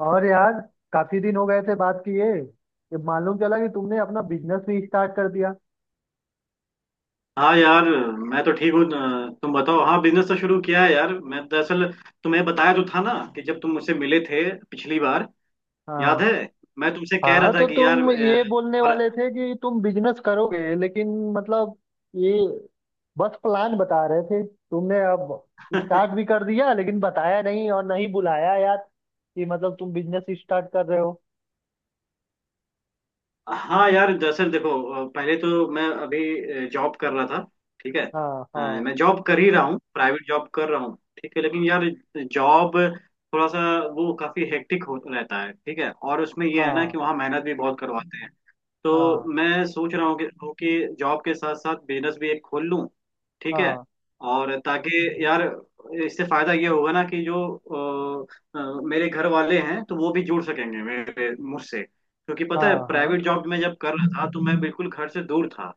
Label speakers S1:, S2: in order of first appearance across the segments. S1: और यार काफी दिन हो गए थे बात किए। ये मालूम चला कि तुमने अपना बिजनेस भी स्टार्ट कर दिया।
S2: हाँ यार। मैं तो ठीक हूँ, तुम बताओ। हाँ, बिजनेस तो शुरू किया है यार। मैं दरअसल तुम्हें बताया तो था ना कि जब तुम मुझसे मिले थे पिछली बार, याद
S1: हाँ,
S2: है? मैं तुमसे कह रहा
S1: हाँ
S2: था
S1: तो
S2: कि यार
S1: तुम ये बोलने
S2: पर,
S1: वाले थे कि तुम बिजनेस करोगे, लेकिन मतलब ये बस प्लान बता रहे थे। तुमने अब स्टार्ट भी कर दिया लेकिन बताया नहीं और नहीं बुलाया यार कि मतलब तुम बिजनेस स्टार्ट कर रहे हो।
S2: हाँ यार दरअसल देखो, पहले तो मैं अभी जॉब कर रहा था। ठीक है,
S1: हाँ, हाँ।
S2: मैं जॉब कर ही रहा हूँ, प्राइवेट जॉब कर रहा हूँ। ठीक है, लेकिन यार जॉब थोड़ा सा वो काफी हेक्टिक हो रहता है। ठीक है, और उसमें ये है ना
S1: हाँ।
S2: कि वहाँ मेहनत भी बहुत करवाते हैं। तो
S1: हाँ,
S2: मैं सोच रहा हूँ कि जॉब के साथ साथ बिजनेस भी एक खोल लूँ। ठीक है,
S1: हाँ।
S2: और ताकि यार इससे फायदा ये होगा ना कि जो मेरे घर वाले हैं तो वो भी जुड़ सकेंगे मेरे मुझसे, क्योंकि पता है
S1: हाँ, हाँ।
S2: प्राइवेट जॉब में जब कर रहा था तो मैं बिल्कुल घर से दूर था।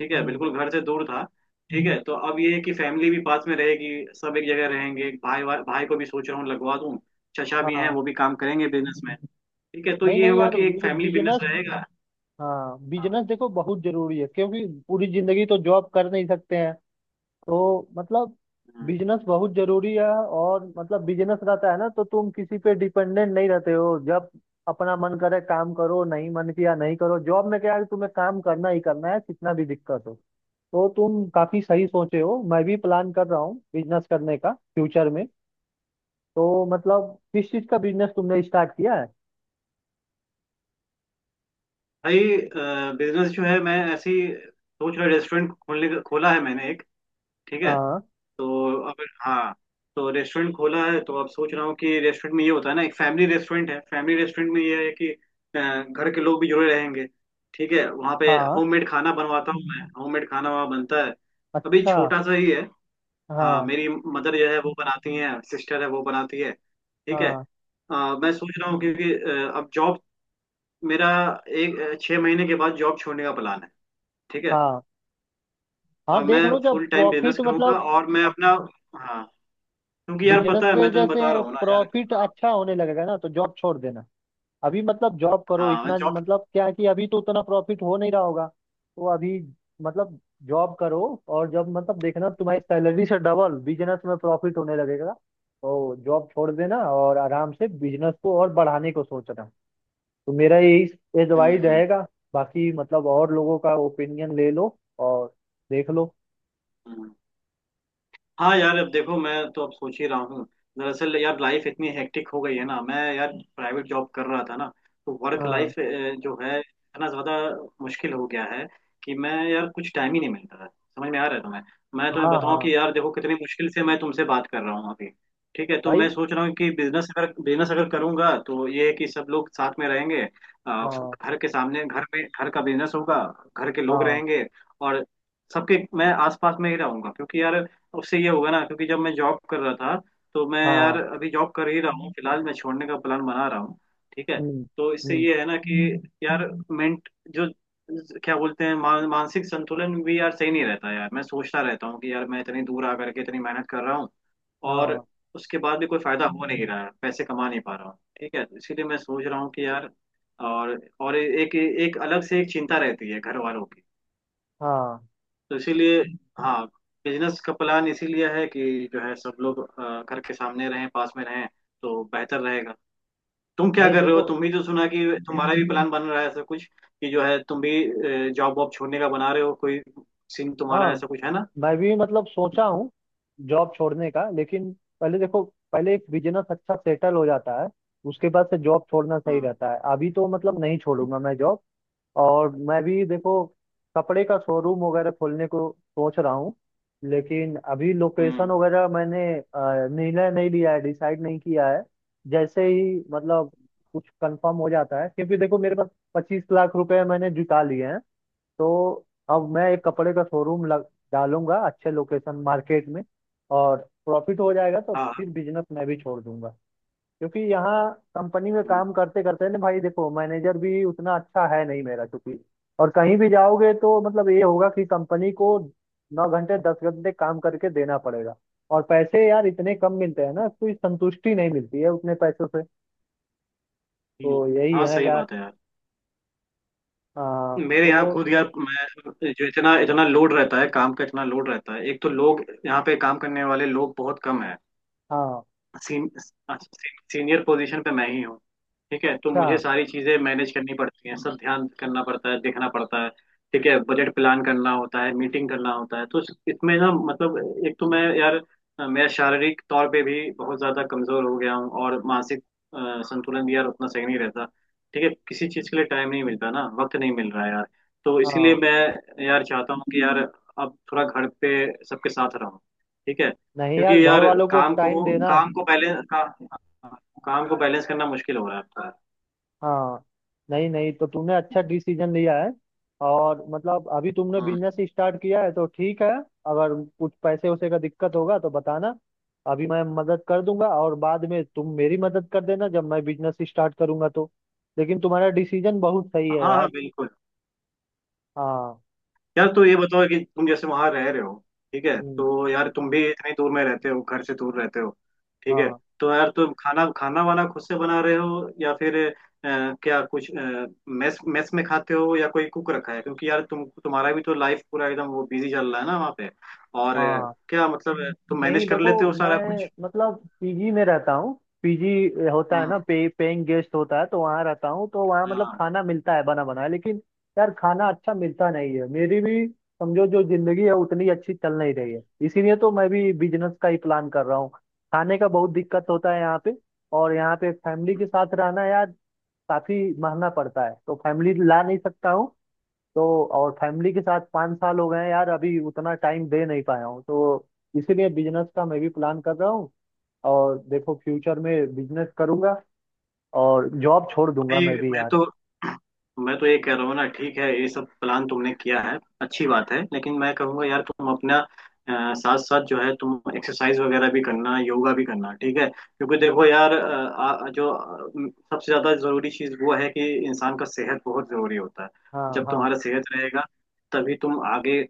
S2: ठीक है,
S1: हम्म।
S2: बिल्कुल घर से दूर था। ठीक है, तो अब ये है कि फैमिली भी पास में रहेगी, सब एक जगह रहेंगे। भाई, भाई को भी सोच रहा हूँ लगवा दूँ। चचा भी हैं,
S1: हाँ।
S2: वो भी काम करेंगे बिजनेस में। ठीक है, तो
S1: नहीं
S2: ये
S1: नहीं
S2: होगा
S1: यार,
S2: कि एक
S1: ये
S2: फैमिली बिजनेस
S1: बिजनेस,
S2: रहेगा।
S1: हाँ
S2: हाँ।
S1: बिजनेस देखो बहुत जरूरी है क्योंकि पूरी जिंदगी तो जॉब कर नहीं सकते हैं। तो मतलब
S2: हम्म।
S1: बिजनेस बहुत जरूरी है और मतलब बिजनेस रहता है ना तो तुम किसी पे डिपेंडेंट नहीं रहते हो। जब अपना मन करे काम करो, नहीं मन किया नहीं करो। जॉब में क्या है कि तुम्हें काम करना ही करना है, कितना भी दिक्कत हो। तो तुम काफी सही सोचे हो, मैं भी प्लान कर रहा हूँ बिजनेस करने का फ्यूचर में। तो मतलब किस चीज का बिजनेस तुमने स्टार्ट किया है?
S2: भाई, बिजनेस जो है मैं ऐसे ही सोच रहा रेस्टोरेंट खोलने का, खोला है मैंने एक। ठीक है,
S1: हाँ।
S2: तो अब हाँ, तो रेस्टोरेंट खोला है। तो अब सोच रहा हूँ कि रेस्टोरेंट में ये होता है ना, एक फैमिली रेस्टोरेंट है। फैमिली रेस्टोरेंट में ये है कि घर के लोग भी जुड़े रहेंगे। ठीक है, वहाँ पे
S1: हाँ।
S2: होममेड खाना बनवाता हूँ मैं, होममेड खाना वहाँ बनता है। अभी
S1: अच्छा।
S2: छोटा सा ही है। हाँ,
S1: हाँ।
S2: मेरी मदर जो है वो बनाती है, सिस्टर है वो बनाती है। ठीक है,
S1: हाँ।
S2: अ, मैं सोच रहा हूँ क्योंकि अब जॉब मेरा एक 6 महीने के बाद जॉब छोड़ने का प्लान है। ठीक है,
S1: हाँ। हाँ
S2: और मैं
S1: देख लो। जब
S2: फुल टाइम बिजनेस
S1: प्रॉफिट
S2: करूंगा
S1: मतलब
S2: और मैं अपना, हाँ क्योंकि यार
S1: बिजनेस
S2: पता है
S1: से
S2: मैं तुम्हें
S1: जैसे
S2: बता रहा हूँ ना यार।
S1: प्रॉफिट
S2: हाँ
S1: अच्छा होने लगेगा ना तो जॉब छोड़ देना। अभी मतलब जॉब करो।
S2: हाँ। मैं
S1: इतना
S2: जॉब।
S1: मतलब क्या है कि अभी तो उतना प्रॉफिट हो नहीं रहा होगा, तो अभी मतलब जॉब करो। और जब मतलब देखना तुम्हारी सैलरी से डबल बिजनेस में प्रॉफिट होने लगेगा तो जॉब छोड़ देना और आराम से बिजनेस को और बढ़ाने को सोचना। तो मेरा यही एडवाइस
S2: हम्म।
S1: रहेगा। बाकी मतलब और लोगों का ओपिनियन ले लो और देख लो।
S2: हम्म। हाँ यार अब देखो मैं तो अब सोच ही रहा हूँ। दरअसल यार लाइफ इतनी हेक्टिक हो गई है ना, मैं यार प्राइवेट जॉब कर रहा था ना, तो वर्क
S1: हाँ,
S2: लाइफ जो है इतना ज्यादा मुश्किल हो गया है कि मैं यार कुछ टाइम ही नहीं मिलता है। समझ में आ रहा है तुम्हें? मैं तुम्हें
S1: हाँ।
S2: बताऊँ
S1: हाँ।
S2: कि यार देखो कितनी मुश्किल से मैं तुमसे बात कर रहा हूँ अभी। ठीक है, तो
S1: भाई।
S2: मैं सोच रहा हूँ कि बिजनेस अगर करूंगा तो ये है कि सब लोग साथ में रहेंगे। अ,
S1: हाँ।
S2: घर के सामने, घर में, घर का बिजनेस होगा, घर के लोग
S1: हाँ,
S2: रहेंगे, और सबके मैं आसपास में ही रहूंगा। क्योंकि यार उससे ये होगा ना, क्योंकि जब मैं जॉब कर रहा था, तो मैं यार,
S1: हाँ।
S2: अभी जॉब कर ही रहा हूँ, फिलहाल मैं छोड़ने का प्लान बना रहा हूँ। ठीक है,
S1: हम्म,
S2: तो इससे
S1: हम्म।
S2: ये है ना कि यार मेंट जो क्या बोलते हैं मानसिक संतुलन भी यार सही नहीं रहता। यार मैं सोचता रहता हूँ कि यार मैं इतनी दूर आ करके इतनी मेहनत कर रहा हूँ, और
S1: हाँ,
S2: उसके बाद भी कोई फायदा हो नहीं रहा है, पैसे कमा नहीं पा रहा हूँ। ठीक है, तो इसीलिए मैं सोच रहा हूँ कि यार, और एक एक अलग से एक चिंता रहती है घर वालों।
S1: हाँ।
S2: तो इसीलिए हाँ, बिजनेस का प्लान इसीलिए है कि जो है सब लोग घर के सामने रहें, पास में रहें, तो बेहतर रहेगा। तुम क्या
S1: नहीं
S2: कर रहे हो?
S1: देखो,
S2: तुम भी तो सुना कि तुम्हारा भी प्लान बन रहा है ऐसा कुछ कि जो है तुम भी जॉब वॉब छोड़ने का बना रहे हो, कोई सीन तुम्हारा
S1: हाँ
S2: ऐसा कुछ है ना?
S1: मैं भी मतलब सोचा हूँ जॉब छोड़ने का, लेकिन पहले देखो, पहले एक बिजनेस अच्छा सेटल हो जाता है उसके बाद से जॉब छोड़ना सही
S2: हम्म
S1: रहता है। अभी तो मतलब नहीं छोड़ूंगा मैं जॉब। और मैं भी देखो, कपड़े का शोरूम वगैरह खोलने को सोच रहा हूँ, लेकिन अभी लोकेशन
S2: हम्म।
S1: वगैरह मैंने निर्णय नहीं लिया है, डिसाइड नहीं किया है। जैसे ही मतलब कुछ कंफर्म हो जाता है, क्योंकि देखो मेरे पास 25 लाख रुपए मैंने जुटा लिए हैं। तो अब मैं एक कपड़े का शोरूम लग डालूंगा अच्छे लोकेशन मार्केट में। और प्रॉफिट हो जाएगा तो
S2: हाँ।
S1: फिर बिजनेस मैं भी छोड़ दूंगा। क्योंकि यहाँ कंपनी में
S2: हम्म,
S1: काम करते करते ना भाई देखो मैनेजर भी उतना अच्छा है नहीं मेरा, क्योंकि और कहीं भी जाओगे तो मतलब ये होगा कि कंपनी को 9 घंटे 10 घंटे काम करके देना पड़ेगा। और पैसे यार इतने कम मिलते हैं ना, कोई संतुष्टि नहीं मिलती है उतने पैसों से। तो
S2: हम्म,
S1: यही
S2: हाँ
S1: है
S2: सही
S1: यार।
S2: बात है यार।
S1: हाँ
S2: मेरे यहाँ
S1: तो।
S2: खुद यार मैं जो, इतना इतना लोड रहता है काम का, इतना लोड रहता है। एक तो लोग यहाँ पे काम करने वाले लोग बहुत कम है।
S1: हाँ।
S2: सीन, सीनियर पोजीशन पे मैं ही हूँ। ठीक है, तो
S1: अच्छा।
S2: मुझे सारी चीजें मैनेज करनी पड़ती हैं, सब ध्यान करना पड़ता है, देखना पड़ता है। ठीक है, बजट प्लान करना होता है, मीटिंग करना होता है। तो इसमें ना मतलब, एक तो मैं यार मैं शारीरिक तौर पे भी बहुत ज्यादा कमजोर हो गया हूँ, और मानसिक अ, संतुलन भी यार उतना सही नहीं रहता। ठीक है, किसी चीज के लिए टाइम नहीं मिलता ना, वक्त नहीं मिल रहा है यार। तो इसीलिए
S1: हाँ।
S2: मैं यार चाहता हूँ कि यार अब थोड़ा घर पे सबके साथ रहूँ। ठीक है,
S1: नहीं यार,
S2: क्योंकि
S1: घर
S2: यार
S1: वालों को
S2: काम
S1: टाइम
S2: को
S1: देना।
S2: काम को बैलेंस का काम को बैलेंस करना मुश्किल हो रहा है आपका।
S1: हाँ। नहीं नहीं, तो तुमने अच्छा डिसीजन लिया है और मतलब अभी तुमने
S2: हम्म।
S1: बिजनेस स्टार्ट किया है तो ठीक है। अगर कुछ पैसे वैसे का दिक्कत होगा तो बताना, अभी मैं मदद कर दूंगा और बाद में तुम मेरी मदद कर देना जब मैं बिजनेस स्टार्ट करूंगा तो। लेकिन तुम्हारा डिसीजन बहुत सही है
S2: हाँ हाँ
S1: यार।
S2: बिल्कुल।
S1: हाँ।
S2: यार तो ये बताओ कि तुम जैसे वहां रह रहे हो, ठीक है,
S1: हम्म।
S2: तो यार तुम भी इतनी दूर में रहते हो, घर से दूर रहते हो। ठीक है,
S1: हाँ।
S2: तो यार तुम खाना खाना वाना खुद से बना रहे हो, या फिर क्या कुछ मेस मेस में खाते हो, या कोई कुक रखा है? क्योंकि यार तुम, तुम्हारा भी तो लाइफ पूरा एकदम वो बिजी चल रहा है ना वहाँ पे। और
S1: हाँ।
S2: क्या मतलब, तुम मैनेज
S1: नहीं
S2: कर
S1: देखो,
S2: लेते हो सारा
S1: मैं
S2: कुछ?
S1: मतलब पीजी में रहता हूँ। पीजी होता है
S2: हम्म।
S1: ना, पे पेइंग गेस्ट होता है, तो वहाँ रहता हूँ। तो वहाँ मतलब
S2: हाँ।
S1: खाना मिलता है बना बनाया, लेकिन यार खाना अच्छा मिलता नहीं है। मेरी भी समझो जो जिंदगी है उतनी अच्छी चल नहीं रही है, इसीलिए तो मैं भी बिजनेस का ही प्लान कर रहा हूँ। खाने का बहुत दिक्कत होता है यहाँ पे। और यहाँ पे फैमिली के साथ रहना यार काफी महंगा पड़ता है, तो फैमिली ला नहीं सकता हूँ तो। और फैमिली के साथ 5 साल हो गए हैं यार, अभी उतना टाइम दे नहीं पाया हूँ तो। इसीलिए बिजनेस का मैं भी प्लान कर रहा हूँ, और देखो फ्यूचर में बिजनेस करूंगा और जॉब छोड़ दूंगा
S2: भाई
S1: मैं भी
S2: मैं
S1: यार।
S2: तो, मैं तो ये कह रहा हूँ ना, ठीक है, ये सब प्लान तुमने किया है अच्छी बात है, लेकिन मैं कहूँगा यार तुम अपना साथ साथ जो है तुम एक्सरसाइज वगैरह भी करना, योगा भी करना। ठीक है, क्योंकि देखो यार जो सबसे ज़्यादा ज़रूरी चीज़ वो है कि इंसान का सेहत बहुत ज़रूरी होता है।
S1: हाँ।
S2: जब
S1: हाँ।
S2: तुम्हारा सेहत रहेगा, तभी तुम आगे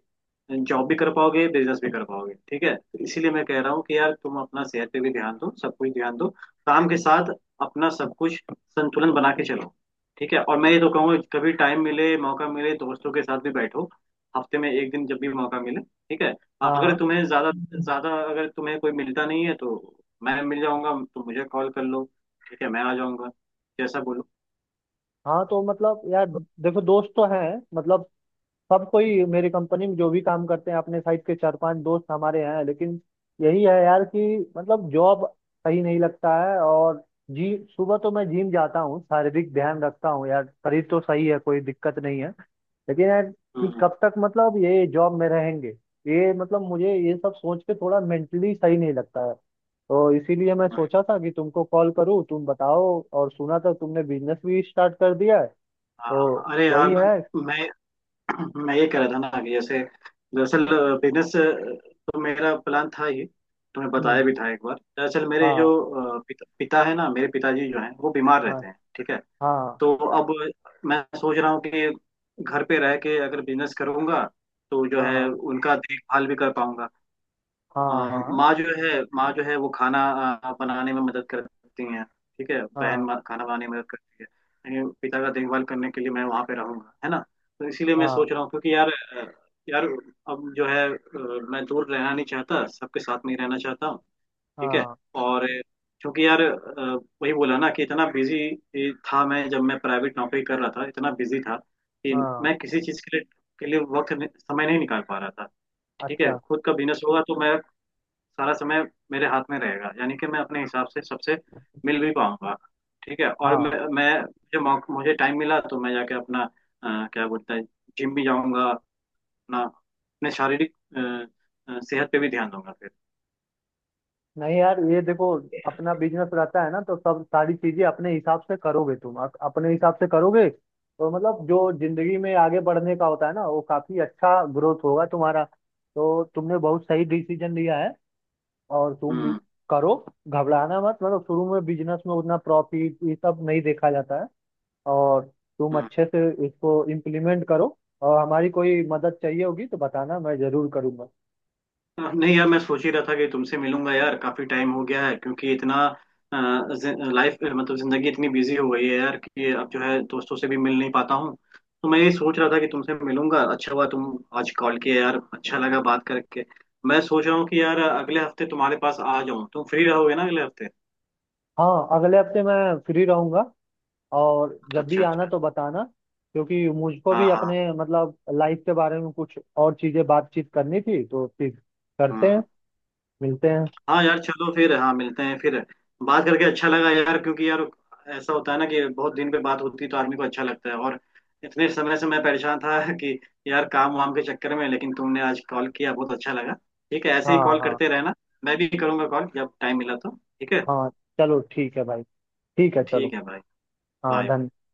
S2: जॉब भी कर पाओगे, बिजनेस भी कर पाओगे। ठीक है, तो इसीलिए मैं कह रहा हूँ कि यार तुम अपना सेहत पे भी ध्यान दो, सब कुछ ध्यान दो, काम के साथ अपना सब कुछ संतुलन बना के चलो। ठीक है, और मैं ये तो कहूंगा कभी टाइम मिले, मौका मिले, दोस्तों के साथ भी बैठो, हफ्ते में एक दिन जब भी मौका मिले। ठीक है, अगर
S1: हाँ।
S2: तुम्हें ज्यादा, ज्यादा अगर तुम्हें कोई मिलता नहीं है, तो मैं मिल जाऊंगा, तो मुझे कॉल कर लो। ठीक है, मैं आ जाऊंगा, जैसा बोलो।
S1: हाँ तो मतलब यार देखो, दोस्त तो हैं मतलब सब कोई मेरी कंपनी में जो भी काम करते हैं, अपने साइड के चार पांच दोस्त हमारे हैं, लेकिन यही है यार कि मतलब जॉब सही नहीं लगता है। और जी सुबह तो मैं जिम जाता हूँ, शारीरिक ध्यान रखता हूँ यार, शरीर तो सही है कोई दिक्कत नहीं है। लेकिन यार कि
S2: हम्म,
S1: कब तक मतलब ये जॉब में रहेंगे, ये मतलब मुझे ये सब सोच के थोड़ा मेंटली सही नहीं लगता है। तो इसीलिए मैं
S2: हम्म,
S1: सोचा था कि तुमको कॉल करूं, तुम बताओ। और सुना था तुमने बिजनेस भी स्टार्ट कर दिया है, तो
S2: हाँ। अरे
S1: वही
S2: यार
S1: है।
S2: मैं मैं ये कह रहा था ना कि जैसे दरअसल बिजनेस तो मेरा प्लान था ये, तुम्हें बताया
S1: हम्म।
S2: भी था एक बार। दरअसल मेरे जो
S1: हाँ।
S2: पिता है ना, मेरे पिताजी जो हैं वो बीमार
S1: हाँ।
S2: रहते हैं। ठीक है,
S1: हाँ।
S2: तो अब मैं सोच रहा हूँ कि घर पे रह के अगर बिजनेस करूंगा, तो जो है
S1: हाँ।
S2: उनका देखभाल भी कर पाऊंगा। अ,
S1: हाँ। हाँ।
S2: माँ जो है, माँ जो है वो खाना बनाने में मदद करती हैं। ठीक है, बहन,
S1: हाँ।
S2: माँ खाना बनाने में मदद करती है। लेकिन पिता का देखभाल करने के लिए मैं वहाँ पे रहूंगा, है ना? तो इसीलिए मैं
S1: हाँ।
S2: सोच रहा हूँ क्योंकि यार यार अब जो है मैं दूर रहना नहीं चाहता, सबके साथ में ही रहना चाहता हूँ। ठीक है,
S1: हाँ।
S2: और क्योंकि यार वही बोला ना कि इतना बिजी था मैं, जब मैं प्राइवेट नौकरी कर रहा था इतना बिजी था कि
S1: हाँ
S2: मैं किसी चीज़ के लिए, के लिए वक्त समय नहीं निकाल पा रहा था। ठीक है,
S1: अच्छा।
S2: खुद का बिजनेस होगा तो मैं सारा समय मेरे हाथ में रहेगा, यानी कि मैं अपने हिसाब से सबसे मिल भी पाऊंगा। ठीक है, और मैं
S1: हाँ।
S2: मैं मुझे टाइम मिला तो मैं जाके अपना क्या बोलते हैं, जिम भी जाऊंगा, अपना, अपने शारीरिक सेहत पे भी ध्यान दूंगा फिर।
S1: नहीं यार, ये देखो अपना बिजनेस रहता है ना तो सब सारी चीजें अपने हिसाब से करोगे तुम, अपने हिसाब से करोगे तो मतलब जो जिंदगी में आगे बढ़ने का होता है ना, वो काफी अच्छा ग्रोथ होगा तुम्हारा। तो तुमने बहुत सही डिसीजन लिया है और तुम
S2: हम्म।
S1: करो। घबराना मत, मतलब शुरू में बिजनेस में उतना प्रॉफिट ये सब नहीं देखा जाता है। और तुम
S2: हम्म।
S1: अच्छे से इसको इम्प्लीमेंट करो। और हमारी कोई मदद चाहिए होगी तो बताना, मैं जरूर करूंगा।
S2: हाँ, नहीं यार मैं सोच ही रहा था कि तुमसे मिलूंगा यार, काफी टाइम हो गया है क्योंकि इतना लाइफ मतलब जिंदगी इतनी बिजी हो गई है यार कि अब जो है दोस्तों से भी मिल नहीं पाता हूँ। तो मैं ये सोच रहा था कि तुमसे मिलूंगा, अच्छा हुआ तुम आज कॉल किया, यार अच्छा लगा बात करके। मैं सोच रहा हूँ कि यार अगले हफ्ते तुम्हारे पास आ जाऊँ, तुम फ्री रहोगे ना अगले हफ्ते?
S1: हाँ, अगले हफ्ते मैं फ्री रहूंगा, और जब भी
S2: अच्छा
S1: आना
S2: अच्छा।
S1: तो बताना, क्योंकि मुझको
S2: हाँ
S1: भी
S2: हाँ।
S1: अपने मतलब लाइफ के बारे में कुछ और चीजें बातचीत करनी थी तो फिर करते हैं,
S2: हम्म।
S1: मिलते हैं।
S2: हाँ यार चलो फिर, हाँ मिलते हैं फिर। बात करके अच्छा लगा यार, क्योंकि यार ऐसा होता है ना कि बहुत दिन पे बात होती है तो आदमी को अच्छा लगता है। और इतने समय से मैं परेशान था कि यार काम वाम के चक्कर में, लेकिन तुमने आज कॉल किया, बहुत अच्छा लगा। ठीक है, ऐसे ही
S1: हाँ,
S2: कॉल
S1: हाँ।
S2: करते रहना, मैं भी करूँगा कॉल जब टाइम मिला तो। ठीक है।
S1: हाँ, चलो ठीक है भाई। ठीक है
S2: ठीक
S1: चलो।
S2: है भाई।
S1: हाँ,
S2: बाय।
S1: धन्यवाद।